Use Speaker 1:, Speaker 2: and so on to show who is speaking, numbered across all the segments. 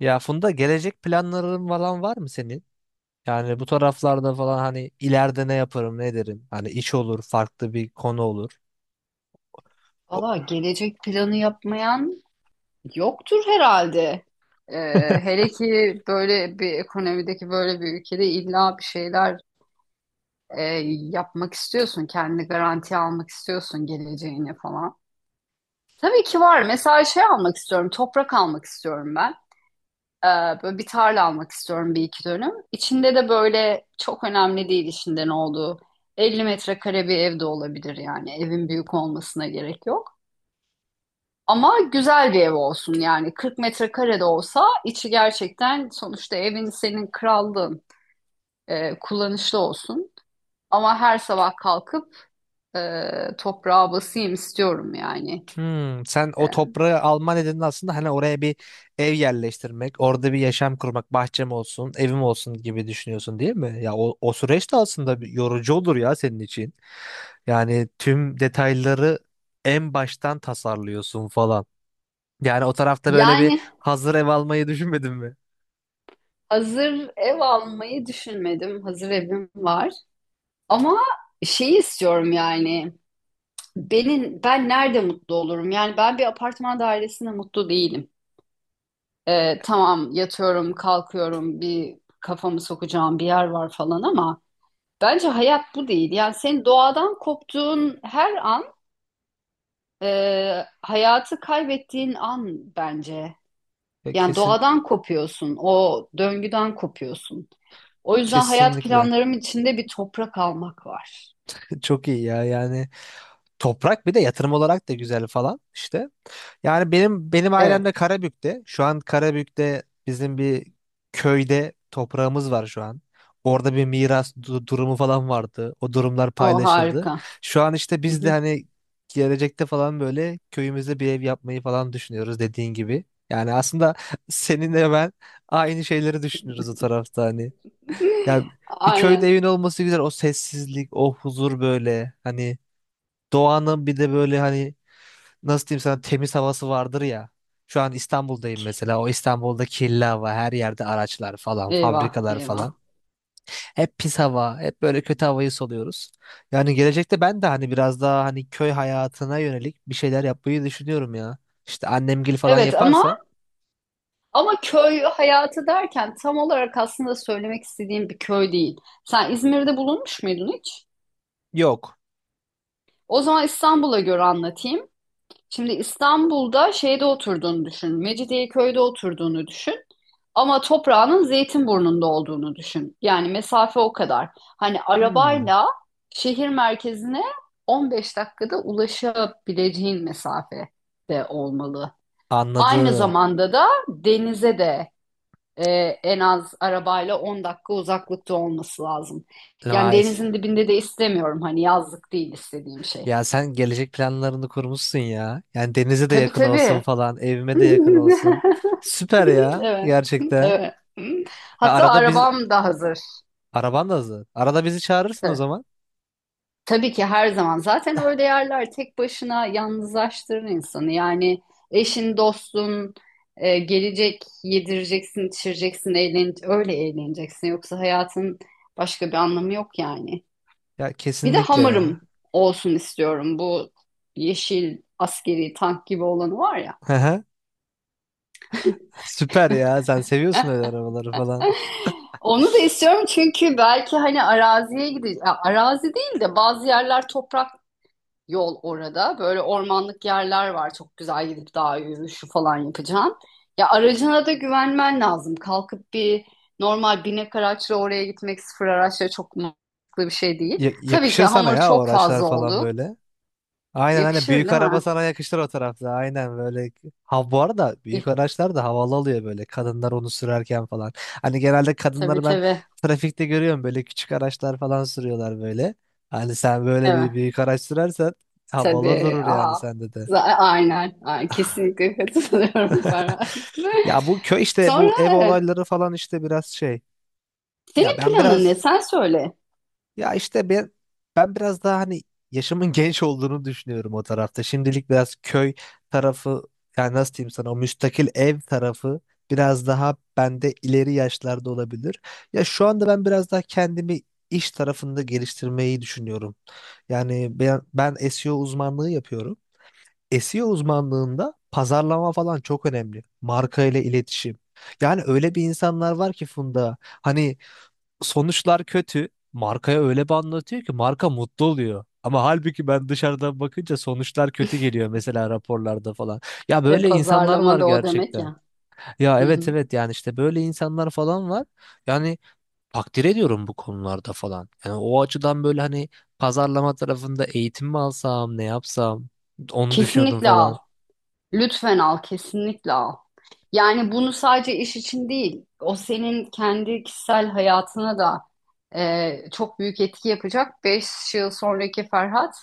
Speaker 1: Ya Funda, gelecek planların falan var mı senin? Yani bu taraflarda falan hani ileride ne yaparım ne derim? Hani iş olur, farklı bir konu olur. O-
Speaker 2: Valla gelecek planı yapmayan yoktur herhalde. Ee, hele ki böyle bir ekonomideki böyle bir ülkede illa bir şeyler e, yapmak istiyorsun. Kendini garantiye almak istiyorsun geleceğini falan. Tabii ki var. Mesela şey almak istiyorum. Toprak almak istiyorum ben. Ee, böyle bir tarla almak istiyorum bir iki dönüm. İçinde de böyle çok önemli değil içinde ne olduğu. 50 metrekare bir ev de olabilir yani. Evin büyük olmasına gerek yok. Ama güzel bir ev olsun yani 40 metrekare de olsa içi gerçekten, sonuçta evin senin krallığın, kullanışlı olsun. Ama her sabah kalkıp e, toprağa basayım istiyorum yani.
Speaker 1: Hmm, sen
Speaker 2: E,
Speaker 1: o toprağı alma nedenin aslında hani oraya bir ev yerleştirmek, orada bir yaşam kurmak, bahçem olsun, evim olsun gibi düşünüyorsun değil mi? Ya o süreç de aslında bir yorucu olur ya senin için. Yani tüm detayları en baştan tasarlıyorsun falan. Yani o tarafta böyle bir
Speaker 2: yani
Speaker 1: hazır ev almayı düşünmedin mi?
Speaker 2: hazır ev almayı düşünmedim. Hazır evim var. Ama şeyi istiyorum yani. Benim, ben nerede mutlu olurum? Yani ben bir apartman dairesinde mutlu değilim. Tamam, yatıyorum, kalkıyorum, bir kafamı sokacağım bir yer var falan ama bence hayat bu değil. Yani senin doğadan koptuğun her an hayatı kaybettiğin an bence.
Speaker 1: Ya
Speaker 2: Yani
Speaker 1: kesin.
Speaker 2: doğadan kopuyorsun, o döngüden kopuyorsun. O yüzden hayat
Speaker 1: Kesinlikle.
Speaker 2: planlarım içinde bir toprak almak var.
Speaker 1: Çok iyi ya. Yani toprak bir de yatırım olarak da güzel falan işte. Yani benim ailem
Speaker 2: Evet.
Speaker 1: de Karabük'te. Şu an Karabük'te bizim bir köyde toprağımız var şu an. Orada bir miras durumu falan vardı. O durumlar
Speaker 2: O
Speaker 1: paylaşıldı.
Speaker 2: harika.
Speaker 1: Şu an işte
Speaker 2: Hı
Speaker 1: biz de
Speaker 2: hı.
Speaker 1: hani gelecekte falan böyle köyümüzde bir ev yapmayı falan düşünüyoruz dediğin gibi. Yani aslında seninle ben aynı şeyleri düşünüyoruz o tarafta hani. Ya bir köyde
Speaker 2: Aynen.
Speaker 1: evin olması güzel. O sessizlik, o huzur böyle. Hani doğanın bir de böyle hani nasıl diyeyim sana, temiz havası vardır ya. Şu an İstanbul'dayım mesela. O İstanbul'da kirli hava, her yerde araçlar falan,
Speaker 2: Eyvah,
Speaker 1: fabrikalar falan.
Speaker 2: eyvah.
Speaker 1: Hep pis hava, hep böyle kötü havayı soluyoruz. Yani gelecekte ben de hani biraz daha hani köy hayatına yönelik bir şeyler yapmayı düşünüyorum ya. İşte annemgil falan
Speaker 2: Evet,
Speaker 1: yaparsa.
Speaker 2: ama köy hayatı derken tam olarak aslında söylemek istediğim bir köy değil. Sen İzmir'de bulunmuş muydun hiç?
Speaker 1: Yok.
Speaker 2: O zaman İstanbul'a göre anlatayım. Şimdi İstanbul'da şeyde oturduğunu düşün. Mecidiyeköy'de oturduğunu düşün. Ama toprağının Zeytinburnu'nda olduğunu düşün. Yani mesafe o kadar. Hani
Speaker 1: Hmm,
Speaker 2: arabayla şehir merkezine 15 dakikada ulaşabileceğin mesafede olmalı. Aynı
Speaker 1: anladım.
Speaker 2: zamanda da denize de e, en az arabayla 10 dakika uzaklıkta olması lazım. Yani
Speaker 1: Vay.
Speaker 2: denizin dibinde de istemiyorum, hani yazlık değil istediğim şey.
Speaker 1: Ya sen gelecek planlarını kurmuşsun ya. Yani denize de
Speaker 2: Tabii,
Speaker 1: yakın olsun
Speaker 2: tabii.
Speaker 1: falan, evime de yakın olsun. Süper ya
Speaker 2: Evet.
Speaker 1: gerçekten.
Speaker 2: Evet.
Speaker 1: Ha,
Speaker 2: Hatta
Speaker 1: arada biz,
Speaker 2: arabam da hazır.
Speaker 1: araban da hazır. Arada bizi çağırırsın o
Speaker 2: Ta-
Speaker 1: zaman.
Speaker 2: Tabii ki her zaman. Zaten öyle yerler tek başına yalnızlaştırır insanı. Yani eşin, dostun gelecek, yedireceksin, içireceksin, eğlen, öyle eğleneceksin. Yoksa hayatın başka bir anlamı yok yani.
Speaker 1: Ya
Speaker 2: Bir de
Speaker 1: kesinlikle
Speaker 2: hamırım
Speaker 1: ya.
Speaker 2: olsun istiyorum. Bu yeşil askeri tank gibi olanı var ya.
Speaker 1: Hı Süper ya. Sen seviyorsun öyle arabaları falan.
Speaker 2: Onu da istiyorum çünkü belki hani araziye gideceğiz. Arazi değil de bazı yerler toprak yol orada. Böyle ormanlık yerler var. Çok güzel, gidip dağ yürüyüşü falan yapacaksın. Ya aracına da güvenmen lazım. Kalkıp bir normal binek araçla oraya gitmek, sıfır araçla, çok mantıklı bir şey değil.
Speaker 1: Ya-
Speaker 2: Tabii ki
Speaker 1: yakışır sana
Speaker 2: hamur
Speaker 1: ya o
Speaker 2: çok
Speaker 1: araçlar
Speaker 2: fazla
Speaker 1: falan
Speaker 2: oldu.
Speaker 1: böyle. Aynen aynen,
Speaker 2: Yakışır
Speaker 1: büyük
Speaker 2: değil
Speaker 1: araba
Speaker 2: mi?
Speaker 1: sana yakışır o tarafta. Aynen böyle. Ha, bu arada
Speaker 2: İh,
Speaker 1: büyük araçlar da havalı oluyor böyle, kadınlar onu sürerken falan. Hani genelde
Speaker 2: tabii,
Speaker 1: kadınları ben
Speaker 2: tabii.
Speaker 1: trafikte görüyorum böyle, küçük araçlar falan sürüyorlar böyle. Hani sen böyle
Speaker 2: Evet.
Speaker 1: bir büyük araç sürersen havalı
Speaker 2: Tabii.
Speaker 1: durur yani
Speaker 2: Aa,
Speaker 1: sende de.
Speaker 2: aynen. Aynen. Kesinlikle katılıyorum Farah.
Speaker 1: Ya bu köy işte bu
Speaker 2: Sonra
Speaker 1: ev
Speaker 2: e,
Speaker 1: olayları falan işte biraz şey. Ya
Speaker 2: senin
Speaker 1: ben
Speaker 2: planın ne?
Speaker 1: biraz,
Speaker 2: Sen söyle.
Speaker 1: ya işte ben biraz daha hani yaşımın genç olduğunu düşünüyorum o tarafta. Şimdilik biraz köy tarafı, yani nasıl diyeyim sana, o müstakil ev tarafı biraz daha bende ileri yaşlarda olabilir. Ya şu anda ben biraz daha kendimi iş tarafında geliştirmeyi düşünüyorum. Yani ben SEO uzmanlığı yapıyorum. SEO uzmanlığında pazarlama falan çok önemli. Marka ile iletişim. Yani öyle bir insanlar var ki Funda, hani sonuçlar kötü. Markaya öyle bir anlatıyor ki marka mutlu oluyor. Ama halbuki ben dışarıdan bakınca sonuçlar kötü geliyor mesela raporlarda falan. Ya
Speaker 2: E,
Speaker 1: böyle insanlar
Speaker 2: pazarlama
Speaker 1: var
Speaker 2: da o demek
Speaker 1: gerçekten.
Speaker 2: ya.
Speaker 1: Ya
Speaker 2: Hı
Speaker 1: evet
Speaker 2: hı.
Speaker 1: evet, yani işte böyle insanlar falan var. Yani takdir ediyorum bu konularda falan. Yani o açıdan böyle hani pazarlama tarafında eğitim mi alsam, ne yapsam onu düşünüyordum
Speaker 2: Kesinlikle al.
Speaker 1: falan.
Speaker 2: Lütfen al. Kesinlikle al. Yani bunu sadece iş için değil. O, senin kendi kişisel hayatına da çok büyük etki yapacak. 5 yıl sonraki Ferhat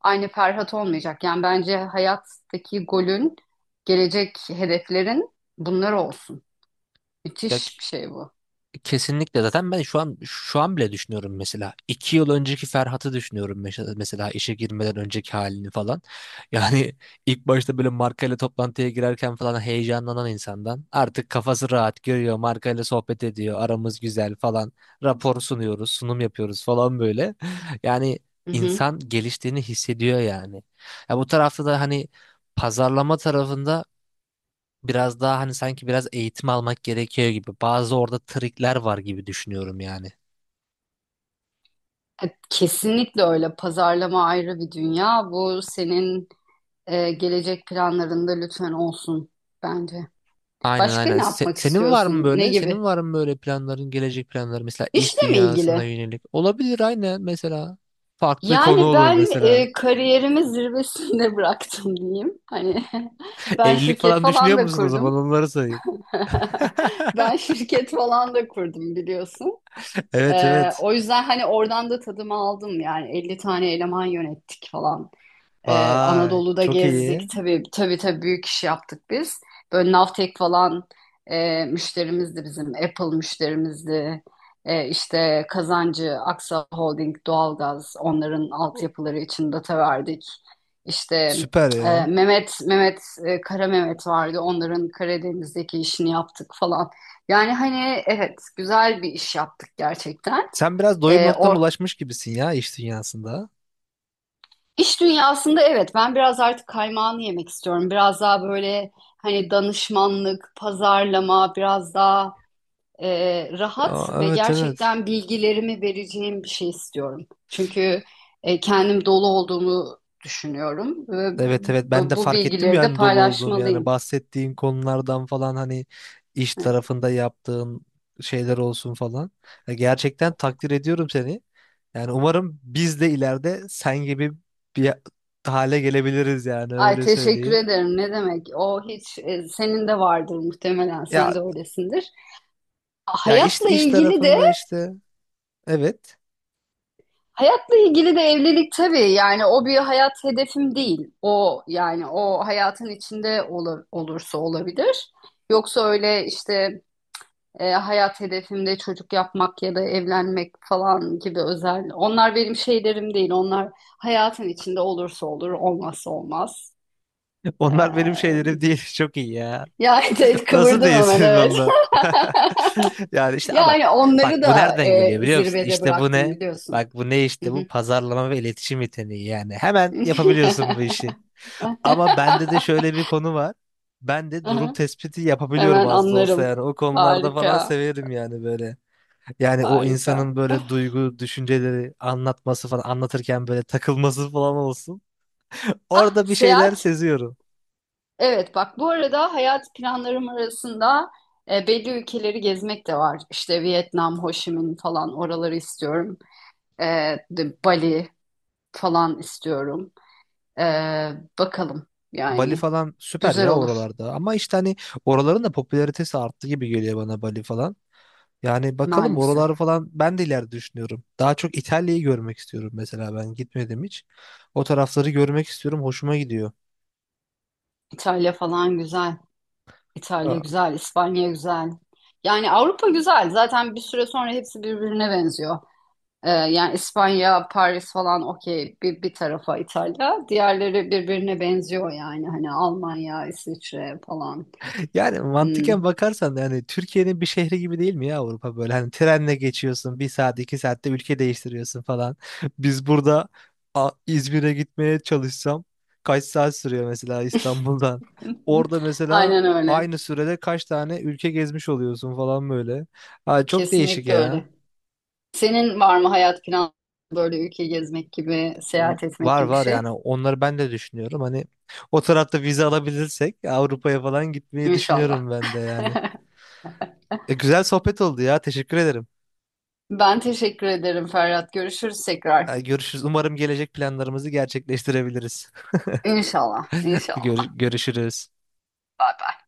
Speaker 2: aynı Ferhat olmayacak. Yani bence hayattaki golün, gelecek hedeflerin bunlar olsun.
Speaker 1: Ya
Speaker 2: Müthiş bir şey bu.
Speaker 1: kesinlikle. Zaten ben şu an bile düşünüyorum mesela. İki yıl önceki Ferhat'ı düşünüyorum, mesela işe girmeden önceki halini falan. Yani ilk başta böyle markayla toplantıya girerken falan heyecanlanan insandan artık kafası rahat görüyor, markayla sohbet ediyor, aramız güzel falan, rapor sunuyoruz, sunum yapıyoruz falan böyle. Yani
Speaker 2: Hı hı.
Speaker 1: insan geliştiğini hissediyor yani. Ya bu tarafta da hani pazarlama tarafında biraz daha hani sanki biraz eğitim almak gerekiyor gibi. Bazı orada trikler var gibi düşünüyorum yani.
Speaker 2: Kesinlikle öyle. Pazarlama ayrı bir dünya. Bu senin gelecek planlarında lütfen olsun bence.
Speaker 1: Aynen
Speaker 2: Başka
Speaker 1: aynen.
Speaker 2: ne yapmak
Speaker 1: Senin var mı
Speaker 2: istiyorsun? Ne
Speaker 1: böyle? Senin
Speaker 2: gibi?
Speaker 1: var mı böyle planların, gelecek planları, mesela iş
Speaker 2: İşle mi
Speaker 1: dünyasına
Speaker 2: ilgili?
Speaker 1: yönelik? Olabilir aynen mesela. Farklı konu
Speaker 2: Yani
Speaker 1: olur
Speaker 2: ben
Speaker 1: mesela.
Speaker 2: kariyerimi zirvesinde bıraktım diyeyim. Hani ben
Speaker 1: Evlilik
Speaker 2: şirket
Speaker 1: falan düşünüyor
Speaker 2: falan da
Speaker 1: musun o zaman?
Speaker 2: kurdum.
Speaker 1: Onları sayayım.
Speaker 2: Ben şirket falan da kurdum biliyorsun.
Speaker 1: Evet
Speaker 2: E,
Speaker 1: evet.
Speaker 2: o yüzden hani oradan da tadımı aldım, yani 50 tane eleman yönettik falan. Ee,
Speaker 1: Vay,
Speaker 2: Anadolu'da
Speaker 1: çok iyi.
Speaker 2: gezdik. Tabii, tabii, tabii, büyük iş yaptık biz. Böyle Navtek falan müşterimizdi bizim. Apple müşterimizdi. E, işte Kazancı, Aksa Holding, Doğalgaz, onların altyapıları için data verdik. İşte
Speaker 1: Süper ya.
Speaker 2: Kara Mehmet vardı. Onların Karadeniz'deki işini yaptık falan. Yani hani evet, güzel bir iş yaptık gerçekten.
Speaker 1: Sen biraz doyum
Speaker 2: E,
Speaker 1: noktana
Speaker 2: O
Speaker 1: ulaşmış gibisin ya iş dünyasında.
Speaker 2: İş dünyasında evet, ben biraz artık kaymağını yemek istiyorum. Biraz daha böyle hani danışmanlık, pazarlama, biraz daha e, rahat
Speaker 1: Aa,
Speaker 2: ve
Speaker 1: evet evet.
Speaker 2: gerçekten bilgilerimi vereceğim bir şey istiyorum. Çünkü kendim dolu olduğumu düşünüyorum ve
Speaker 1: Evet evet, ben
Speaker 2: bu,
Speaker 1: de
Speaker 2: bu
Speaker 1: fark ettim
Speaker 2: bilgileri de
Speaker 1: yani dolu olduğunu, yani
Speaker 2: paylaşmalıyım.
Speaker 1: bahsettiğin konulardan falan hani iş
Speaker 2: Evet.
Speaker 1: tarafında yaptığın şeyler olsun falan. Ya gerçekten takdir ediyorum seni. Yani umarım biz de ileride sen gibi bir hale gelebiliriz, yani
Speaker 2: Ay,
Speaker 1: öyle
Speaker 2: teşekkür
Speaker 1: söyleyeyim.
Speaker 2: ederim. Ne demek? O hiç, senin de vardır muhtemelen. Sen
Speaker 1: Ya
Speaker 2: de öylesindir.
Speaker 1: ya, iş
Speaker 2: Hayatla
Speaker 1: iş
Speaker 2: ilgili de,
Speaker 1: tarafında işte evet.
Speaker 2: hayatla ilgili de evlilik tabii, yani o bir hayat hedefim değil. O, yani o hayatın içinde olur, olursa olabilir. Yoksa öyle işte hayat hedefimde çocuk yapmak ya da evlenmek falan gibi özel, onlar benim şeylerim değil. Onlar hayatın içinde olursa olur, olmazsa olmaz. Ee,
Speaker 1: Onlar benim şeylerim değil. Çok iyi ya.
Speaker 2: ya evet,
Speaker 1: Nasıl
Speaker 2: kıvırdım hemen,
Speaker 1: değilsin
Speaker 2: evet.
Speaker 1: ondan? Yani işte a bak
Speaker 2: Yani
Speaker 1: bak
Speaker 2: onları
Speaker 1: bu
Speaker 2: da
Speaker 1: nereden geliyor biliyor musun?
Speaker 2: zirvede
Speaker 1: İşte bu
Speaker 2: bıraktım
Speaker 1: ne?
Speaker 2: biliyorsun.
Speaker 1: Bak bu ne işte, bu
Speaker 2: Hı
Speaker 1: pazarlama ve iletişim yeteneği yani. Hemen
Speaker 2: hı.
Speaker 1: yapabiliyorsun bu işi. Ama bende de şöyle bir konu var. Ben de durum tespiti yapabiliyorum
Speaker 2: Hemen
Speaker 1: az da olsa
Speaker 2: anlarım.
Speaker 1: yani. O konularda falan
Speaker 2: Harika,
Speaker 1: severim yani böyle. Yani o
Speaker 2: harika.
Speaker 1: insanın böyle duygu, düşünceleri anlatması falan, anlatırken böyle takılması falan olsun.
Speaker 2: Ah,
Speaker 1: Orada bir şeyler
Speaker 2: seyahat.
Speaker 1: seziyorum.
Speaker 2: Evet, bak, bu arada hayat planlarım arasında belli ülkeleri gezmek de var. İşte Vietnam, Ho Chi Minh falan, oraları istiyorum. E, Bali falan istiyorum. E, bakalım
Speaker 1: Bali
Speaker 2: yani,
Speaker 1: falan süper
Speaker 2: güzel
Speaker 1: ya
Speaker 2: olur
Speaker 1: oralarda. Ama işte hani oraların da popülaritesi arttı gibi geliyor bana, Bali falan. Yani bakalım,
Speaker 2: maalesef.
Speaker 1: oraları falan ben de ileride düşünüyorum. Daha çok İtalya'yı görmek istiyorum, mesela ben gitmedim hiç. O tarafları görmek istiyorum. Hoşuma gidiyor.
Speaker 2: İtalya falan güzel. İtalya güzel, İspanya güzel. Yani Avrupa güzel. Zaten bir süre sonra hepsi birbirine benziyor. Yani İspanya, Paris falan okey, bir tarafa İtalya. Diğerleri birbirine benziyor yani. Hani Almanya, İsviçre falan.
Speaker 1: Yani
Speaker 2: Hmm.
Speaker 1: mantıken bakarsan da yani Türkiye'nin bir şehri gibi değil mi ya Avrupa, böyle hani trenle geçiyorsun bir saat iki saatte ülke değiştiriyorsun falan. Biz burada İzmir'e gitmeye çalışsam kaç saat sürüyor mesela İstanbul'dan. Orada mesela
Speaker 2: Aynen öyle.
Speaker 1: aynı sürede kaç tane ülke gezmiş oluyorsun falan böyle. Ha, çok değişik
Speaker 2: Kesinlikle
Speaker 1: ya.
Speaker 2: öyle. Senin var mı hayat planı böyle ülke gezmek gibi, seyahat etmek
Speaker 1: Var
Speaker 2: gibi bir
Speaker 1: var,
Speaker 2: şey?
Speaker 1: yani onları ben de düşünüyorum. Hani o tarafta vize alabilirsek Avrupa'ya falan gitmeyi
Speaker 2: İnşallah.
Speaker 1: düşünüyorum ben de yani. E, güzel sohbet oldu ya. Teşekkür ederim.
Speaker 2: Ben teşekkür ederim Ferhat. Görüşürüz tekrar.
Speaker 1: Ay, görüşürüz. Umarım gelecek planlarımızı gerçekleştirebiliriz.
Speaker 2: İnşallah. İnşallah.
Speaker 1: Görüşürüz.
Speaker 2: Bye bye.